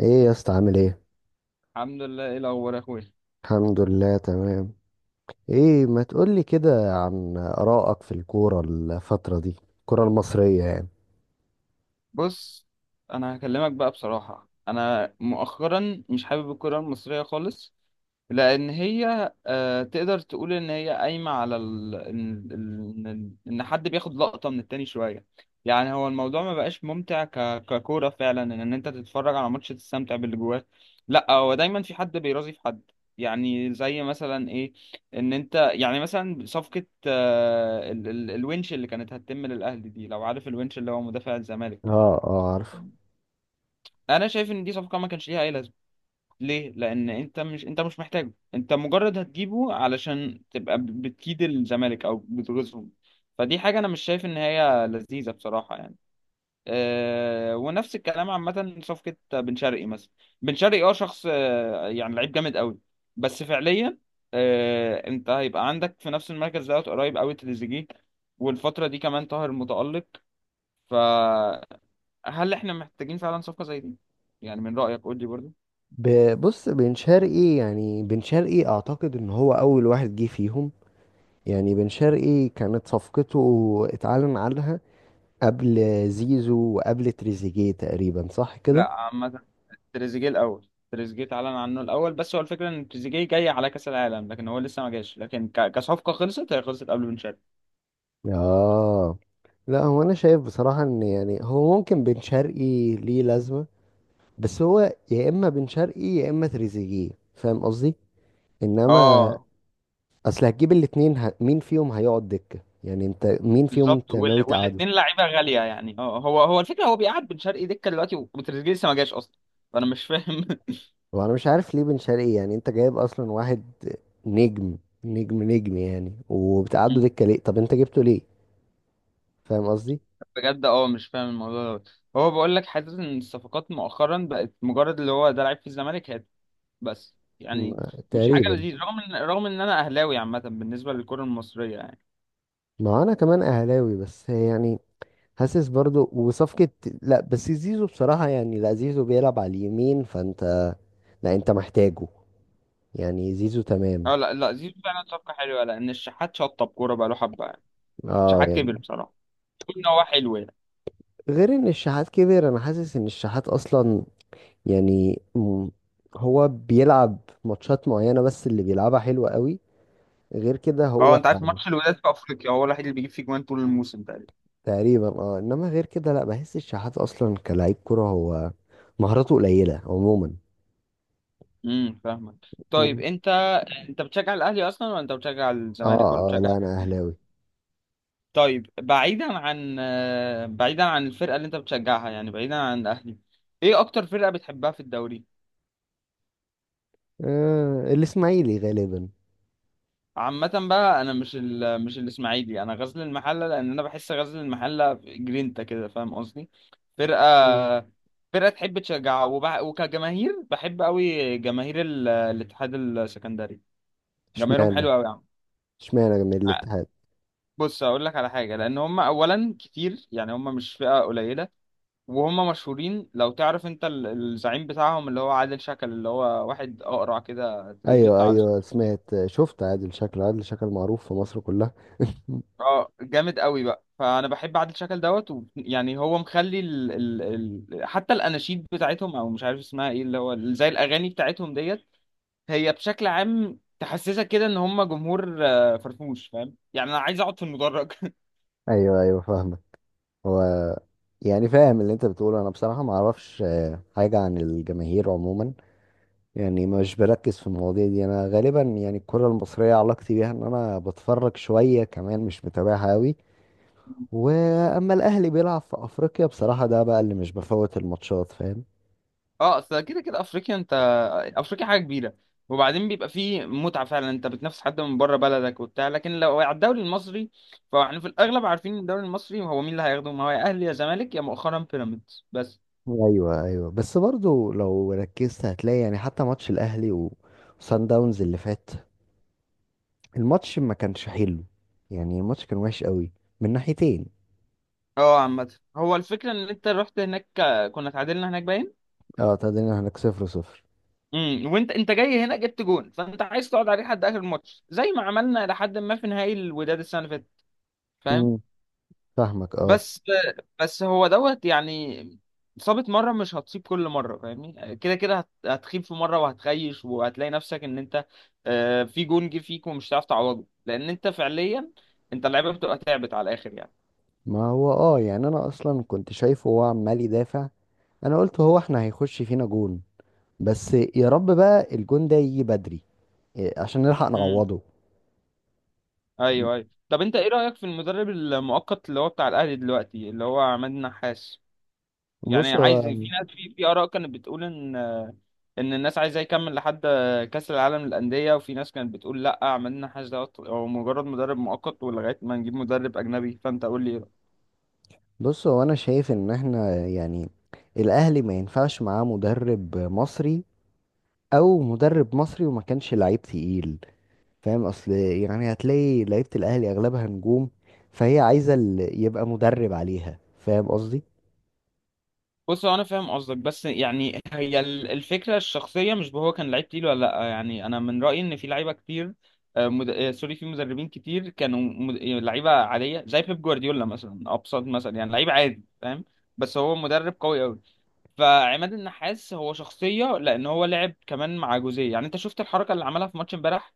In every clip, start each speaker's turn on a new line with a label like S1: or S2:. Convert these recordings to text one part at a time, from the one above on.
S1: ايه يا اسطى، عامل ايه؟
S2: الحمد لله، ايه الاخبار يا اخويا؟
S1: الحمد لله تمام. ايه ما تقولي كده عن آرائك في الكورة الفترة دي، الكورة المصرية يعني؟
S2: بص، انا هكلمك بقى بصراحه، انا مؤخرا مش حابب الكره المصريه خالص. لأن هي تقدر تقول إن هي قايمة على ال... إن إن- إن- إن حد بياخد لقطة من التاني شوية. يعني هو الموضوع ما بقاش ممتع ككورة فعلا، إن أنت تتفرج على ماتش تستمتع باللي جواه. لا، هو دايما في حد بيرازي في حد. يعني زي مثلا إيه، إن أنت يعني مثلا صفقة الونش اللي كانت هتتم للأهلي دي، لو عارف الونش اللي هو مدافع الزمالك.
S1: اه اه عارف.
S2: أنا شايف إن دي صفقة ما كانش ليها أي لازمة. ليه؟ لان انت مش محتاجه، انت مجرد هتجيبه علشان تبقى بتكيد الزمالك او بتغيظهم. فدي حاجه انا مش شايف ان هي لذيذه بصراحه يعني. أه، ونفس الكلام عامه صفقه بن شرقي مثلا. بن شرقي اه شخص يعني لعيب جامد قوي، بس فعليا أه، انت هيبقى عندك في نفس المركز دوت قريب قوي تريزيجيه، والفتره دي كمان طاهر متالق. فهل احنا محتاجين فعلا صفقه زي دي؟ يعني من رايك قول لي برضه.
S1: بص، بن شرقي يعني بن شرقي اعتقد ان هو اول واحد جه فيهم. يعني بن شرقي كانت صفقته اتعلن عنها قبل زيزو وقبل تريزيجيه تقريبا، صح كده؟
S2: لا عامه، تريزيجيه اتعلن عنه الاول، بس هو الفكره ان تريزيجيه جاي على كاس العالم لكن هو لسه ما جاش، لكن كصفقه خلصت، هي خلصت قبل بن شرقي.
S1: اه. لا هو انا شايف بصراحة ان يعني هو ممكن بن شرقي ليه لازمة، بس هو يا اما بن شرقي يا اما تريزيجيه، فاهم قصدي؟ انما
S2: اه
S1: اصل هتجيب الاتنين، مين فيهم هيقعد دكة؟ يعني انت مين فيهم
S2: بالظبط.
S1: انت ناوي تقعده؟
S2: والاثنين لعيبه غاليه يعني. اه، هو الفكره، هو بيقعد بن شرقي دكه دلوقتي وتريزيجيه لسه ما جاش اصلا، فانا مش فاهم.
S1: وانا مش عارف ليه بن شرقي. يعني انت جايب اصلا واحد نجم، نجم يعني، وبتقعده دكة ليه؟ طب انت جبته ليه؟ فاهم قصدي؟
S2: بجد اه مش فاهم الموضوع دوت. هو بقول لك حاسس ان الصفقات مؤخرا بقت مجرد اللي هو ده لعيب في الزمالك هات، بس يعني مش حاجه
S1: تقريبا.
S2: لذيذ، رغم ان انا اهلاوي عامه بالنسبه للكره المصريه يعني.
S1: ما انا كمان اهلاوي بس يعني، حاسس برضو. وصفقة، لا بس زيزو بصراحة يعني، لا زيزو بيلعب على اليمين، فانت لا انت محتاجه، يعني زيزو تمام.
S2: اه لا لا، زيزو فعلا صفقة حلوة، لأن الشحات شطب كورة بقاله حبة يعني.
S1: اه
S2: الشحات كبر
S1: يعني
S2: بصراحة، كل إن هو حلو يعني.
S1: غير ان الشحات كبر، انا حاسس ان الشحات اصلا يعني هو بيلعب ماتشات معينة، بس اللي بيلعبها حلوة قوي. غير كده
S2: اه،
S1: هو
S2: أنت عارف ماتش الوداد في أفريقيا هو الوحيد اللي بيجيب فيه جوان طول الموسم تقريبا.
S1: تقريبا، اه. انما غير كده لا، بحس الشحات اصلا كلاعب كرة هو مهاراته قليلة عموما.
S2: فاهمك. طيب
S1: و-
S2: أنت، أنت بتشجع الأهلي أصلا ولا أنت بتشجع
S1: اه
S2: الزمالك ولا
S1: اه
S2: بتشجع
S1: لا
S2: حاجة
S1: انا
S2: تانية؟
S1: اهلاوي.
S2: طيب بعيدا عن بعيدا عن الفرقة اللي أنت بتشجعها، يعني بعيدا عن الأهلي، إيه أكتر فرقة بتحبها في الدوري؟
S1: آه الاسماعيلي غالبا.
S2: عامة بقى انا مش مش الاسماعيلي، انا غزل المحلة، لان انا بحس غزل المحلة جرينتا كده فاهم قصدي.
S1: مم.
S2: فرقة، فرقة تحب تشجع وكجماهير بحب قوي جماهير الاتحاد السكندري. جماهيرهم
S1: اشمعنى؟
S2: حلو قوي يا عم.
S1: اشمعنى من
S2: ع-
S1: الاتحاد؟
S2: بص اقول لك على حاجة، لان هم اولا كتير يعني، هم مش فئة قليلة، وهم مشهورين. لو تعرف انت الزعيم بتاعهم اللي هو عادل شكل، اللي هو واحد اقرع كده تلاقيه
S1: ايوه
S2: بيطلع على
S1: ايوه
S2: السوشيال.
S1: سمعت، شفت عادل شكل، عادل شكل معروف في مصر كلها.
S2: اه جامد قوي بقى، فانا بحب عادل شكل دوت يعني هو مخلي حتى الاناشيد بتاعتهم، او مش عارف اسمها ايه اللي هو زي الاغاني بتاعتهم ديت، هي بشكل عام تحسسك كده ان هم جمهور فرفوش، فاهم يعني انا عايز اقعد في المدرج.
S1: ايوه ايوه فاهمك. هو يعني فاهم اللي انت بتقوله، انا بصراحة ما اعرفش حاجة عن الجماهير عموما. يعني مش بركز في المواضيع دي، انا غالبا يعني الكرة المصرية علاقتي بيها ان انا بتفرج شوية، كمان مش متابعها قوي. واما الاهلي بيلعب في افريقيا بصراحة ده بقى اللي مش بفوت الماتشات، فاهم؟
S2: اه، اصل كده كده افريقيا انت، افريقيا حاجه كبيره، وبعدين بيبقى فيه متعه فعلا، انت بتنافس حد من بره بلدك وبتاع، لكن لو على الدوري المصري، فاحنا في الاغلب عارفين إن الدوري المصري هو مين اللي هياخده، ما هو يا اهلي يا زمالك يا مؤخرا بيراميدز بس.
S1: ايوه ايوه. بس برضو لو ركزت هتلاقي يعني حتى ماتش الاهلي وسان داونز اللي فات، الماتش ما كانش حلو، يعني الماتش كان وحش قوي من ناحيتين.
S2: اه، عامة هو الفكرة ان انت رحت هناك كنا اتعادلنا هناك باين.
S1: اه تعادلنا هناك صفر صفر.
S2: وانت، انت جاي هنا جبت جون، فانت عايز تقعد عليه لحد اخر الماتش زي ما عملنا لحد ما في نهائي الوداد السنة اللي فاتت، فاهم.
S1: فاهمك اه.
S2: بس، بس هو دوت يعني، صابت مرة مش هتصيب كل مرة، فاهمني كده كده هتخيب في مرة وهتخيش وهتلاقي نفسك ان انت في جون جه فيك ومش هتعرف تعوضه، لان انت فعليا انت اللعيبة بتبقى تعبت على الاخر.
S1: ما هو اه يعني انا اصلا كنت شايفه هو عمال يدافع، انا قلت هو احنا هيخش فينا جون، بس يا رب بقى الجون ده يجي بدري، عشان نلحق
S2: يعني
S1: نعوضه.
S2: ايوه ايوه، طب انت ايه رأيك في المدرب المؤقت اللي هو بتاع الاهلي دلوقتي اللي هو عماد النحاس؟ يعني
S1: بص
S2: عايز
S1: هو
S2: في ناس، في اراء كانت بتقول ان، ان الناس عايزاه يكمل لحد كأس العالم للأندية، وفي ناس كانت بتقول لا، عماد النحاس ده هو مجرد مدرب مؤقت ولغاية ما نجيب مدرب اجنبي، فانت قول لي.
S1: بص هو انا شايف ان احنا يعني الاهلي ما ينفعش معاه مدرب مصري، او مدرب مصري وما كانش لعيب تقيل. فاهم؟ اصل يعني هتلاقي لعيبة الاهلي اغلبها نجوم، فهي عايزة اللي يبقى مدرب عليها، فاهم قصدي؟
S2: بص، هو انا فاهم قصدك، بس يعني هي الفكره الشخصيه مش هو كان لعيب تقيل ولا لا، يعني انا من رايي ان في لعيبه كتير آه، مد... آه، سوري، في مدربين كتير كانوا مد... آه، لعيبه عاديه زي بيب جوارديولا مثلا، ابسط مثلا، يعني لعيب عادي فاهم، بس هو مدرب قوي قوي. فعماد النحاس هو شخصيه، لان هو لعب كمان مع جوزيه. يعني انت شفت الحركه اللي عملها في ماتش امبارح؟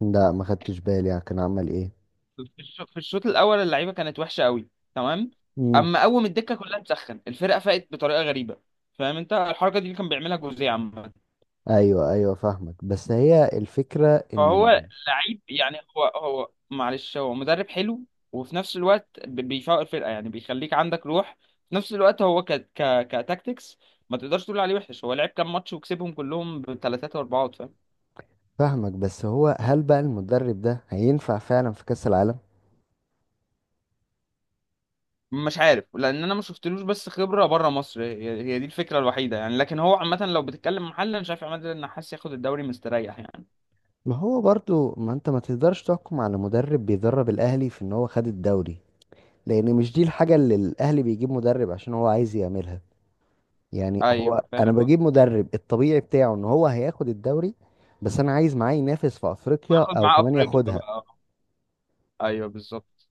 S1: لا ما خدتش بالي، يعني كان عمل ايه؟
S2: في في الشوط الاول اللعيبه كانت وحشه قوي، تمام، اما اول ما الدكه كلها مسخن الفرقه فاقت بطريقه غريبه. فاهم، انت الحركه دي اللي كان بيعملها جوزيه عامه.
S1: ايوه ايوه فاهمك، بس هي الفكره ان
S2: فهو لعيب يعني، هو معلش، هو مدرب حلو، وفي نفس الوقت بيفوق الفرقه يعني بيخليك عندك روح. في نفس الوقت هو ك ك كتاكتكس ما تقدرش تقول عليه وحش، هو لعب كام ماتش وكسبهم كلهم بثلاثات واربعات فاهم.
S1: فاهمك، بس هو هل بقى المدرب ده هينفع فعلا في كاس العالم؟
S2: مش عارف، لان انا ما شفتلوش، بس خبره بره مصر هي دي الفكره الوحيده يعني، لكن هو عامه لو بتتكلم محل، انا شايف عماد النحاس ياخد الدوري مستريح يعني.
S1: ما هو برضو ما انت ما تقدرش تحكم على مدرب بيدرب الاهلي في ان هو خد الدوري، لان مش دي الحاجه اللي الاهلي بيجيب مدرب عشان هو عايز يعملها. يعني هو
S2: ايوه
S1: انا
S2: فاهم
S1: بجيب
S2: قصدي.
S1: مدرب الطبيعي بتاعه ان هو هياخد الدوري، بس انا عايز معاه ينافس في افريقيا
S2: وياخد
S1: او
S2: معاه
S1: كمان
S2: افريقيا
S1: ياخدها.
S2: بقى، ايوه بالظبط.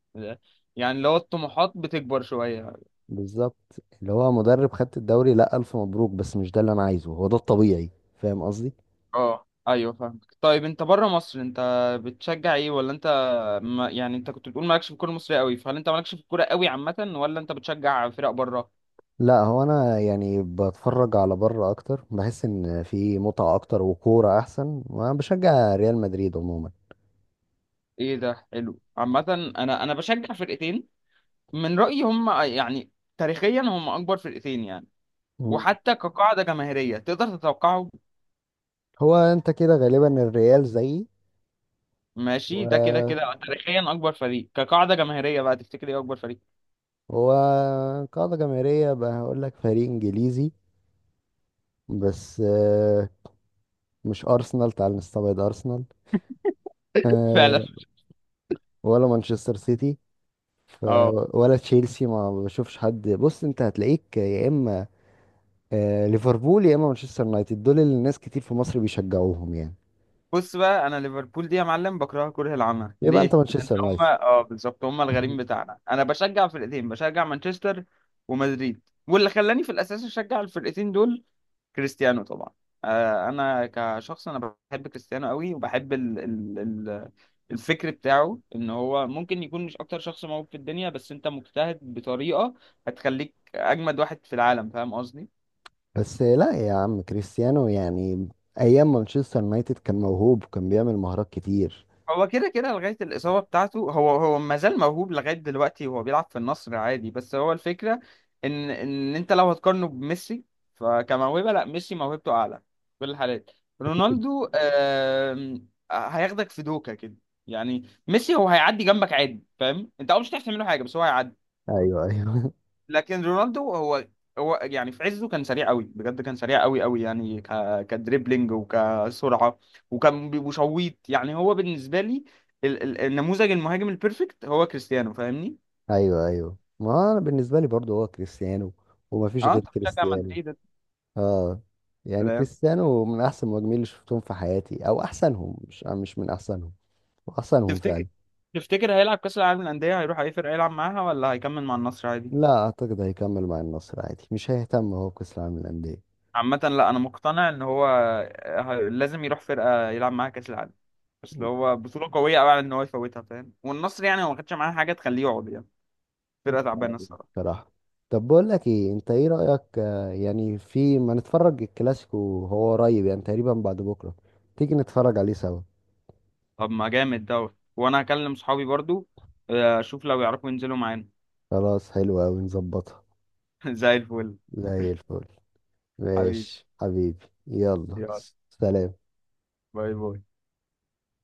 S2: يعني لو الطموحات بتكبر شويه.
S1: بالظبط. اللي هو مدرب خدت الدوري، لا الف مبروك، بس مش ده اللي انا عايزه، هو ده الطبيعي، فاهم؟
S2: اه ايوه فاهمك. طيب انت بره مصر انت بتشجع ايه؟ ولا انت، ما يعني انت كنت بتقول مالكش في الكوره المصريه قوي، فهل انت مالكش في الكوره قوي عامه ولا انت بتشجع فرق بره؟
S1: لا هو انا يعني بتفرج على بره اكتر، بحس ان في متعه اكتر وكوره احسن، وانا بشجع ريال مدريد عموما.
S2: ايه ده حلو عامه. انا بشجع فرقتين، من رأيي هم يعني تاريخيا هم أكبر فرقتين يعني،
S1: مم.
S2: وحتى كقاعدة جماهيرية تقدر تتوقعه.
S1: هو انت كده غالبا الريال زيي.
S2: ماشي، ده كده
S1: و
S2: كده تاريخيا أكبر فريق كقاعدة جماهيرية بقى. تفتكر إيه أكبر فريق؟
S1: هو قاعده جماهيريه بقى، هقول لك فريق انجليزي بس، مش ارسنال، تعال نستبعد ارسنال
S2: فعلا.
S1: آه، ولا مانشستر سيتي ف...
S2: اه،
S1: ولا تشيلسي، ما بشوفش حد. بص انت هتلاقيك يا اما ليفربول يا اما مانشستر يونايتد، دول اللي الناس كتير في مصر بيشجعوهم يعني.
S2: بص بقى، أنا ليفربول دي يا معلم بكرهها كره العمى.
S1: يبقى انت
S2: ليه؟ لأن
S1: مانشستر
S2: هم
S1: يونايتد.
S2: اه بالظبط، هم الغريم بتاعنا. أنا بشجع فرقتين، بشجع مانشستر ومدريد. واللي خلاني في الأساس أشجع الفرقتين دول كريستيانو طبعا. انا كشخص انا بحب كريستيانو قوي، وبحب ال ال ال الفكر بتاعه، ان هو ممكن يكون مش اكتر شخص موهوب في الدنيا، بس انت مجتهد بطريقة هتخليك اجمد واحد في العالم، فاهم قصدي.
S1: بس لا يا عم كريستيانو يعني ايام مانشستر يونايتد كان موهوب، وكان بيعمل مهارات كتير.
S2: هو كده كده لغاية الإصابة بتاعته، هو ما زال موهوب لغاية دلوقتي وهو بيلعب في النصر عادي، بس هو الفكرة إن أنت لو هتقارنه بميسي، فكموهبة لا، ميسي موهبته أعلى في كل الحالات. رونالدو هياخدك في دوكة كده، يعني ميسي هو هيعدي جنبك عادي فاهم أنت، أه مش هتعرف تعمل له حاجة بس هو هيعدي.
S1: ايوه ايوه.
S2: لكن رونالدو هو، يعني في عزه كان سريع قوي بجد، كان سريع قوي قوي، يعني كدريبلينج وكسرعه، وكان وشويط، يعني هو بالنسبه لي النموذج المهاجم البيرفكت هو كريستيانو فاهمني؟
S1: ايوه ايوه، ما هو انا بالنسبه لي برضو هو كريستيانو، ومفيش
S2: اه
S1: غير
S2: انت بتشجع
S1: كريستيانو.
S2: مدريد.
S1: اه. يعني
S2: سلام.
S1: كريستيانو من احسن المهاجمين اللي شفتهم في حياتي، او احسنهم، مش من احسنهم، احسنهم
S2: تفتكر،
S1: فعلا.
S2: تفتكر هيلعب كاس العالم للانديه هيروح اي فرقه يلعب معاها، ولا هيكمل مع النصر عادي؟
S1: لا اعتقد هيكمل مع النصر عادي، مش هيهتم هو بكاس العالم للانديه.
S2: عامة لا، انا مقتنع ان هو لازم يروح فرقة يلعب معاها كاس العالم، بس اللي هو بطولة قوية قوي على ان هو يفوتها فاهم، والنصر يعني هو ما خدش معاه حاجة تخليه يقعد يعني، فرقة تعبانة الصراحة.
S1: بصراحة طب بقول لك ايه، انت ايه رأيك يعني في ما نتفرج الكلاسيكو، هو قريب يعني تقريبا بعد بكرة، تيجي نتفرج عليه سوا؟
S2: طب ما جامد دوت. وانا هكلم صحابي برضو، اشوف لو يعرفوا ينزلوا معانا.
S1: خلاص حلو اوي، نظبطها.
S2: زي الفل.
S1: زي الفل.
S2: حبيبي،
S1: ماشي حبيبي، يلا.
S2: يلا.
S1: سلام.
S2: باي باي.